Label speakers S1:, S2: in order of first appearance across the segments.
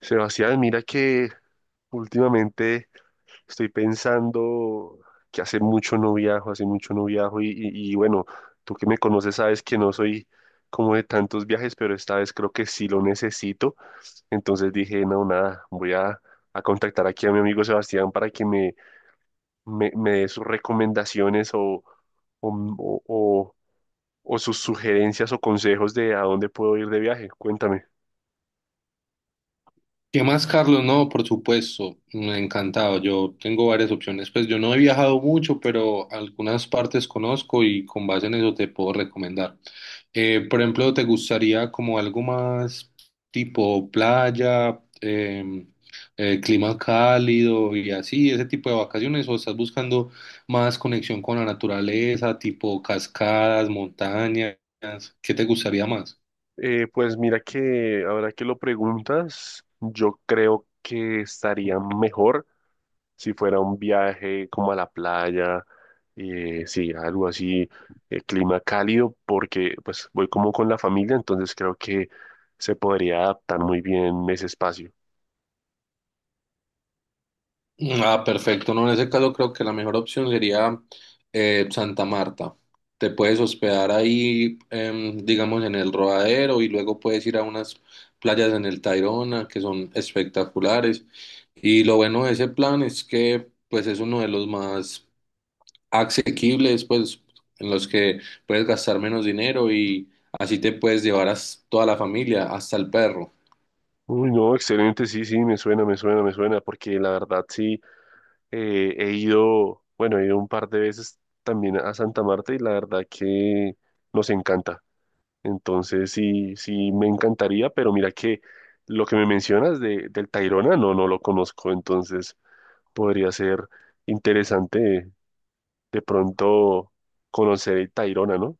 S1: Sebastián, mira que últimamente estoy pensando que hace mucho no viajo, y bueno, tú que me conoces sabes que no soy como de tantos viajes, pero esta vez creo que sí lo necesito. Entonces dije, no, nada, voy a contactar aquí a mi amigo Sebastián para que me dé sus recomendaciones o, o o- o sus sugerencias o consejos de a dónde puedo ir de viaje. Cuéntame.
S2: ¿Qué más, Carlos? No, por supuesto, me ha encantado. Yo tengo varias opciones. Pues yo no he viajado mucho, pero algunas partes conozco y con base en eso te puedo recomendar. Por ejemplo, ¿te gustaría como algo más tipo playa, clima cálido y así, ese tipo de vacaciones? ¿O estás buscando más conexión con la naturaleza, tipo cascadas, montañas? ¿Qué te gustaría más?
S1: Pues mira que ahora que lo preguntas, yo creo que estaría mejor si fuera un viaje como a la playa, sí, algo así, clima cálido, porque pues voy como con la familia, entonces creo que se podría adaptar muy bien ese espacio.
S2: Ah, perfecto. No, en ese caso creo que la mejor opción sería Santa Marta. Te puedes hospedar ahí, digamos, en el Rodadero y luego puedes ir a unas playas en el Tayrona que son espectaculares. Y lo bueno de ese plan es que, pues, es uno de los más asequibles, pues, en los que puedes gastar menos dinero y así te puedes llevar a toda la familia, hasta el perro.
S1: Uy, no, excelente, sí, sí, me suena, porque la verdad sí, he ido, bueno, he ido un par de veces también a Santa Marta y la verdad que nos encanta. Entonces sí, sí me encantaría, pero mira que lo que me mencionas del Tayrona, no, no lo conozco, entonces podría ser interesante de pronto conocer el Tayrona, ¿no?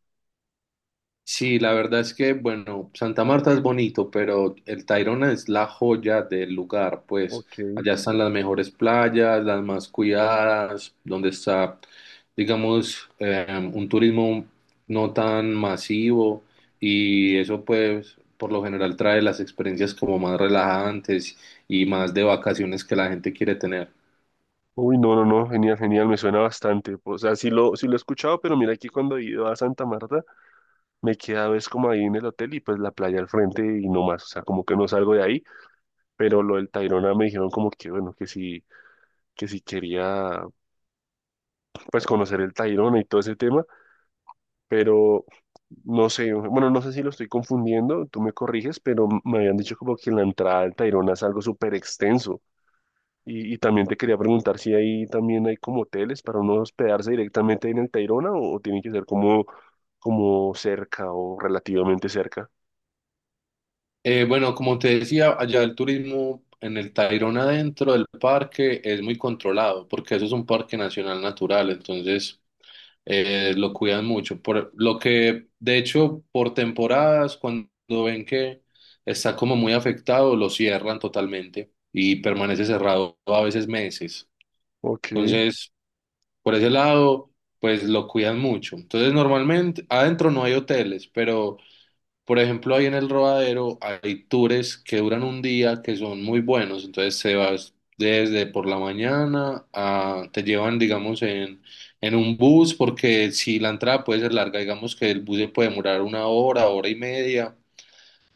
S2: Sí, la verdad es que, bueno, Santa Marta es bonito, pero el Tayrona es la joya del lugar, pues
S1: Ok.
S2: allá están las mejores playas, las más cuidadas, donde está, digamos, un turismo no tan masivo, y eso pues por lo general trae las experiencias como más relajantes y más de vacaciones que la gente quiere tener.
S1: Uy, no, no, no, genial, me suena bastante. O sea, sí lo he escuchado, pero mira que cuando he ido a Santa Marta, me quedaba es como ahí en el hotel y pues la playa al frente y no más, o sea, como que no salgo de ahí, pero lo del Tayrona me dijeron como que bueno, que sí, que si quería pues conocer el Tayrona y todo ese tema. Pero no sé, bueno, no sé si lo estoy confundiendo, tú me corriges, pero me habían dicho como que la entrada al Tayrona es algo súper extenso. Y también te quería preguntar si ahí también hay como hoteles para uno hospedarse directamente en el Tayrona o tiene que ser como, como cerca o relativamente cerca.
S2: Bueno, como te decía, allá el turismo en el Tayrona dentro del parque es muy controlado, porque eso es un parque nacional natural. Entonces, lo cuidan mucho. Por lo que, de hecho, por temporadas, cuando ven que está como muy afectado, lo cierran totalmente y permanece cerrado a veces meses.
S1: Ok,
S2: Entonces, por ese lado, pues lo cuidan mucho. Entonces, normalmente adentro no hay hoteles, pero por ejemplo, ahí en el Rodadero hay tours que duran un día que son muy buenos. Entonces se vas desde por la mañana te llevan, digamos, en, un bus, porque si la entrada puede ser larga, digamos que el bus se puede demorar una hora, hora y media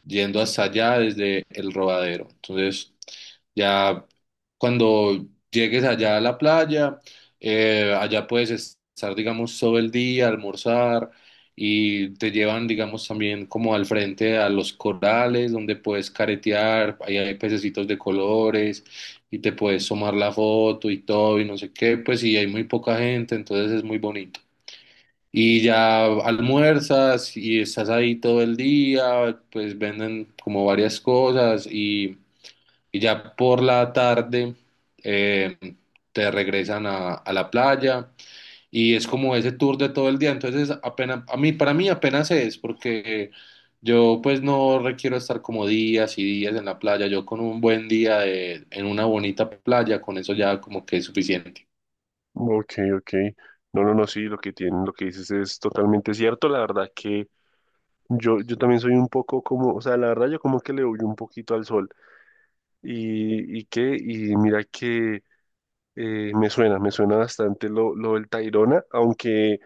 S2: yendo hasta allá desde el Rodadero. Entonces, ya cuando llegues allá a la playa, allá puedes estar, digamos, todo el día, almorzar, y te llevan, digamos, también como al frente a los corales donde puedes caretear, ahí hay pececitos de colores y te puedes tomar la foto y todo y no sé qué, pues, y hay muy poca gente, entonces es muy bonito. Y ya almuerzas y estás ahí todo el día, pues venden como varias cosas, y ya por la tarde eh, te regresan a la playa, y es como ese tour de todo el día. Entonces apenas, a mí, para mí apenas es, porque yo pues no requiero estar como días y días en la playa. Yo con un buen día en una bonita playa, con eso ya como que es suficiente.
S1: ok, ok. No, no, no, sí, lo que tienen, lo que dices es totalmente cierto. La verdad que yo también soy un poco como, o sea, la verdad yo como que le huyo un poquito al sol. Y mira que me suena bastante lo del Tayrona, aunque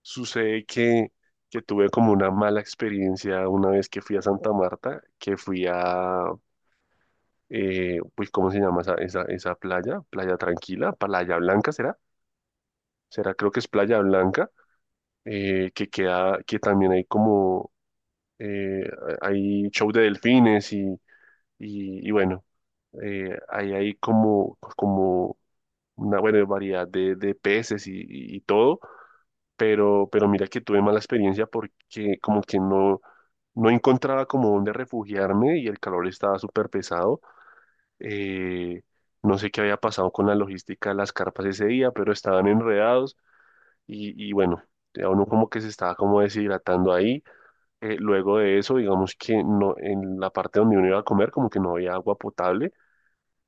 S1: sucede que tuve como una mala experiencia una vez que fui a Santa Marta, que fui a, pues, ¿cómo se llama esa playa? Playa Tranquila, Playa Blanca, ¿será? ¿Será? Creo que es Playa Blanca, que queda, que también hay como, eh, hay show de delfines y bueno, ahí hay como, como una buena variedad de peces y todo, pero mira que tuve mala experiencia porque como que no, no encontraba como dónde refugiarme y el calor estaba súper pesado. Eh, no sé qué había pasado con la logística de las carpas ese día, pero estaban enredados y bueno, ya uno como que se estaba como deshidratando ahí. Luego de eso, digamos que no, en la parte donde uno iba a comer como que no había agua potable.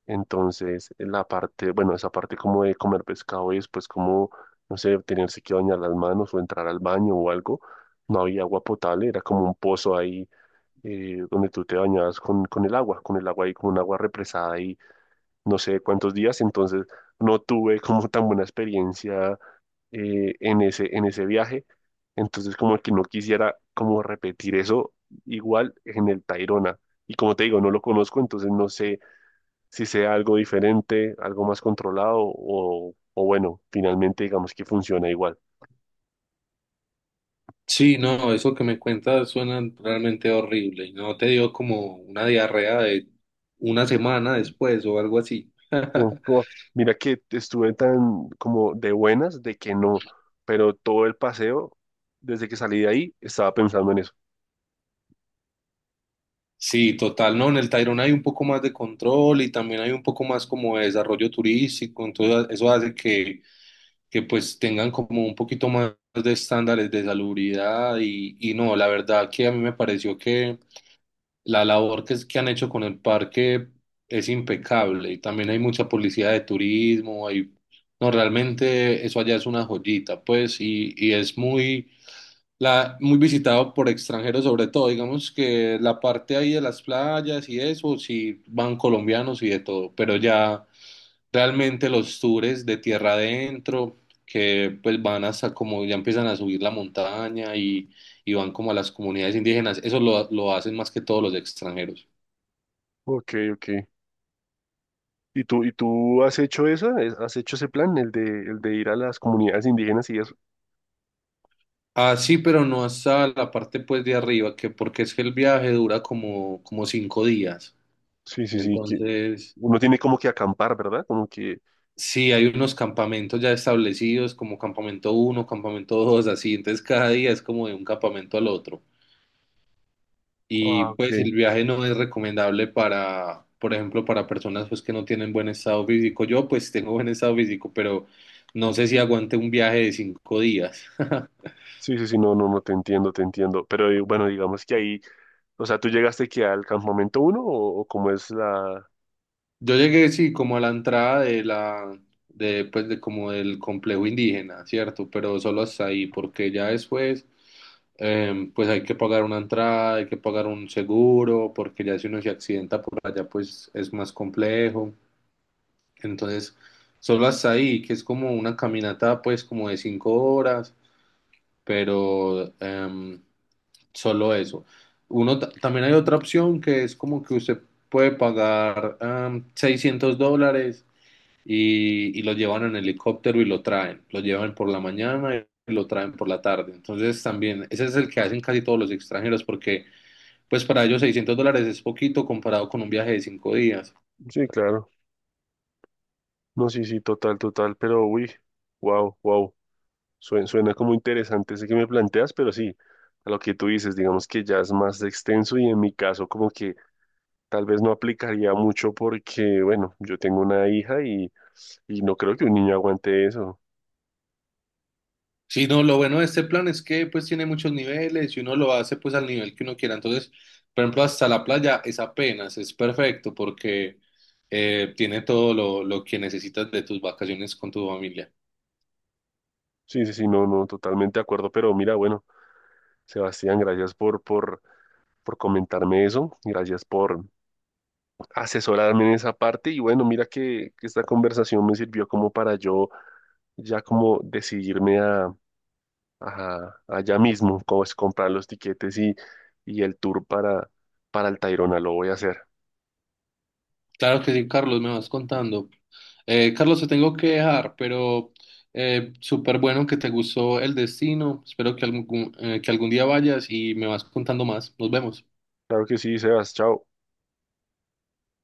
S1: Entonces, la parte, bueno, esa parte como de comer pescado y después como, no sé, tenerse que bañar las manos o entrar al baño o algo, no había agua potable, era como un pozo ahí, donde tú te bañabas con el agua ahí, con un agua represada ahí, no sé cuántos días, entonces no tuve como tan buena experiencia, en en ese viaje, entonces como que no quisiera como repetir eso igual en el Tayrona. Y como te digo, no lo conozco, entonces no sé si sea algo diferente, algo más controlado o bueno, finalmente digamos que funciona igual.
S2: Sí, no, eso que me cuentas suena realmente horrible. ¿No te dio como una diarrea de una semana después o algo así?
S1: Pu- pu- mira que estuve tan como de buenas de que no, pero todo el paseo, desde que salí de ahí, estaba pensando en eso.
S2: Sí, total, no, en el Tayrona hay un poco más de control y también hay un poco más como de desarrollo turístico, entonces eso hace que pues tengan como un poquito más de estándares de salubridad, y no, la verdad que a mí me pareció que la labor que han hecho con el parque es impecable, y también hay mucha policía de turismo, hay. No, realmente eso allá es una joyita, pues, y es muy visitado por extranjeros, sobre todo. Digamos que la parte ahí de las playas y eso, sí van colombianos y de todo, pero ya realmente los tours de tierra adentro, que pues van hasta como ya empiezan a subir la montaña, y van como a las comunidades indígenas, eso lo hacen más que todos los extranjeros.
S1: Ok, ok. ¿Y tú has hecho eso? ¿Has hecho ese plan, el de ir a las comunidades indígenas y eso?
S2: Ah, sí, pero no hasta la parte pues de arriba, ¿que porque es que el viaje dura como 5 días?
S1: Sí, sí, sí, que
S2: Entonces,
S1: uno tiene como que acampar, ¿verdad? Como que...
S2: sí, hay unos campamentos ya establecidos, como campamento uno, campamento dos, así. Entonces, cada día es como de un campamento al otro.
S1: Ah,
S2: Y
S1: ok.
S2: pues el viaje no es recomendable para, por ejemplo, para personas pues que no tienen buen estado físico. Yo pues tengo buen estado físico, pero no sé si aguante un viaje de 5 días.
S1: Sí, sí, sí, no, no, no, te entiendo. Pero bueno, digamos que ahí, o sea, ¿tú llegaste aquí al campamento uno o cómo es la...?
S2: Yo llegué, sí, como a la entrada de la, pues, de como del complejo indígena, ¿cierto? Pero solo hasta ahí, porque ya después, pues hay que pagar una entrada, hay que pagar un seguro, porque ya si uno se accidenta por allá, pues es más complejo. Entonces, solo hasta ahí, que es como una caminata, pues, como de 5 horas, pero solo eso. Uno, también hay otra opción, que es como que usted puede pagar $600 y, lo llevan en helicóptero y lo traen. Lo llevan por la mañana y lo traen por la tarde. Entonces también, ese es el que hacen casi todos los extranjeros, porque pues para ellos $600 es poquito comparado con un viaje de 5 días.
S1: Sí, claro. No, sí, sí, total, total. Pero, uy, wow, wow. Suena como interesante ese que me planteas, pero sí, a lo que tú dices, digamos que ya es más extenso y en mi caso como que tal vez no aplicaría mucho porque, bueno, yo tengo una hija y no creo que un niño aguante eso.
S2: Sí, no, lo bueno de este plan es que pues tiene muchos niveles y uno lo hace pues al nivel que uno quiera. Entonces, por ejemplo, hasta la playa es apenas, es perfecto, porque tiene todo lo que necesitas de tus vacaciones con tu familia.
S1: Sí, sí, sí, no, no, totalmente de acuerdo. Pero mira, bueno, Sebastián, por comentarme eso. Gracias por asesorarme en esa parte y bueno, mira que esta conversación me sirvió como para yo ya como decidirme a, a ya mismo, como es comprar los tiquetes y el tour para el Tayrona, lo voy a hacer.
S2: Claro que sí, Carlos, me vas contando. Carlos, te tengo que dejar, pero súper bueno que te gustó el destino. Espero que que algún día vayas y me vas contando más. Nos vemos.
S1: Claro que sí, Sebas, chao.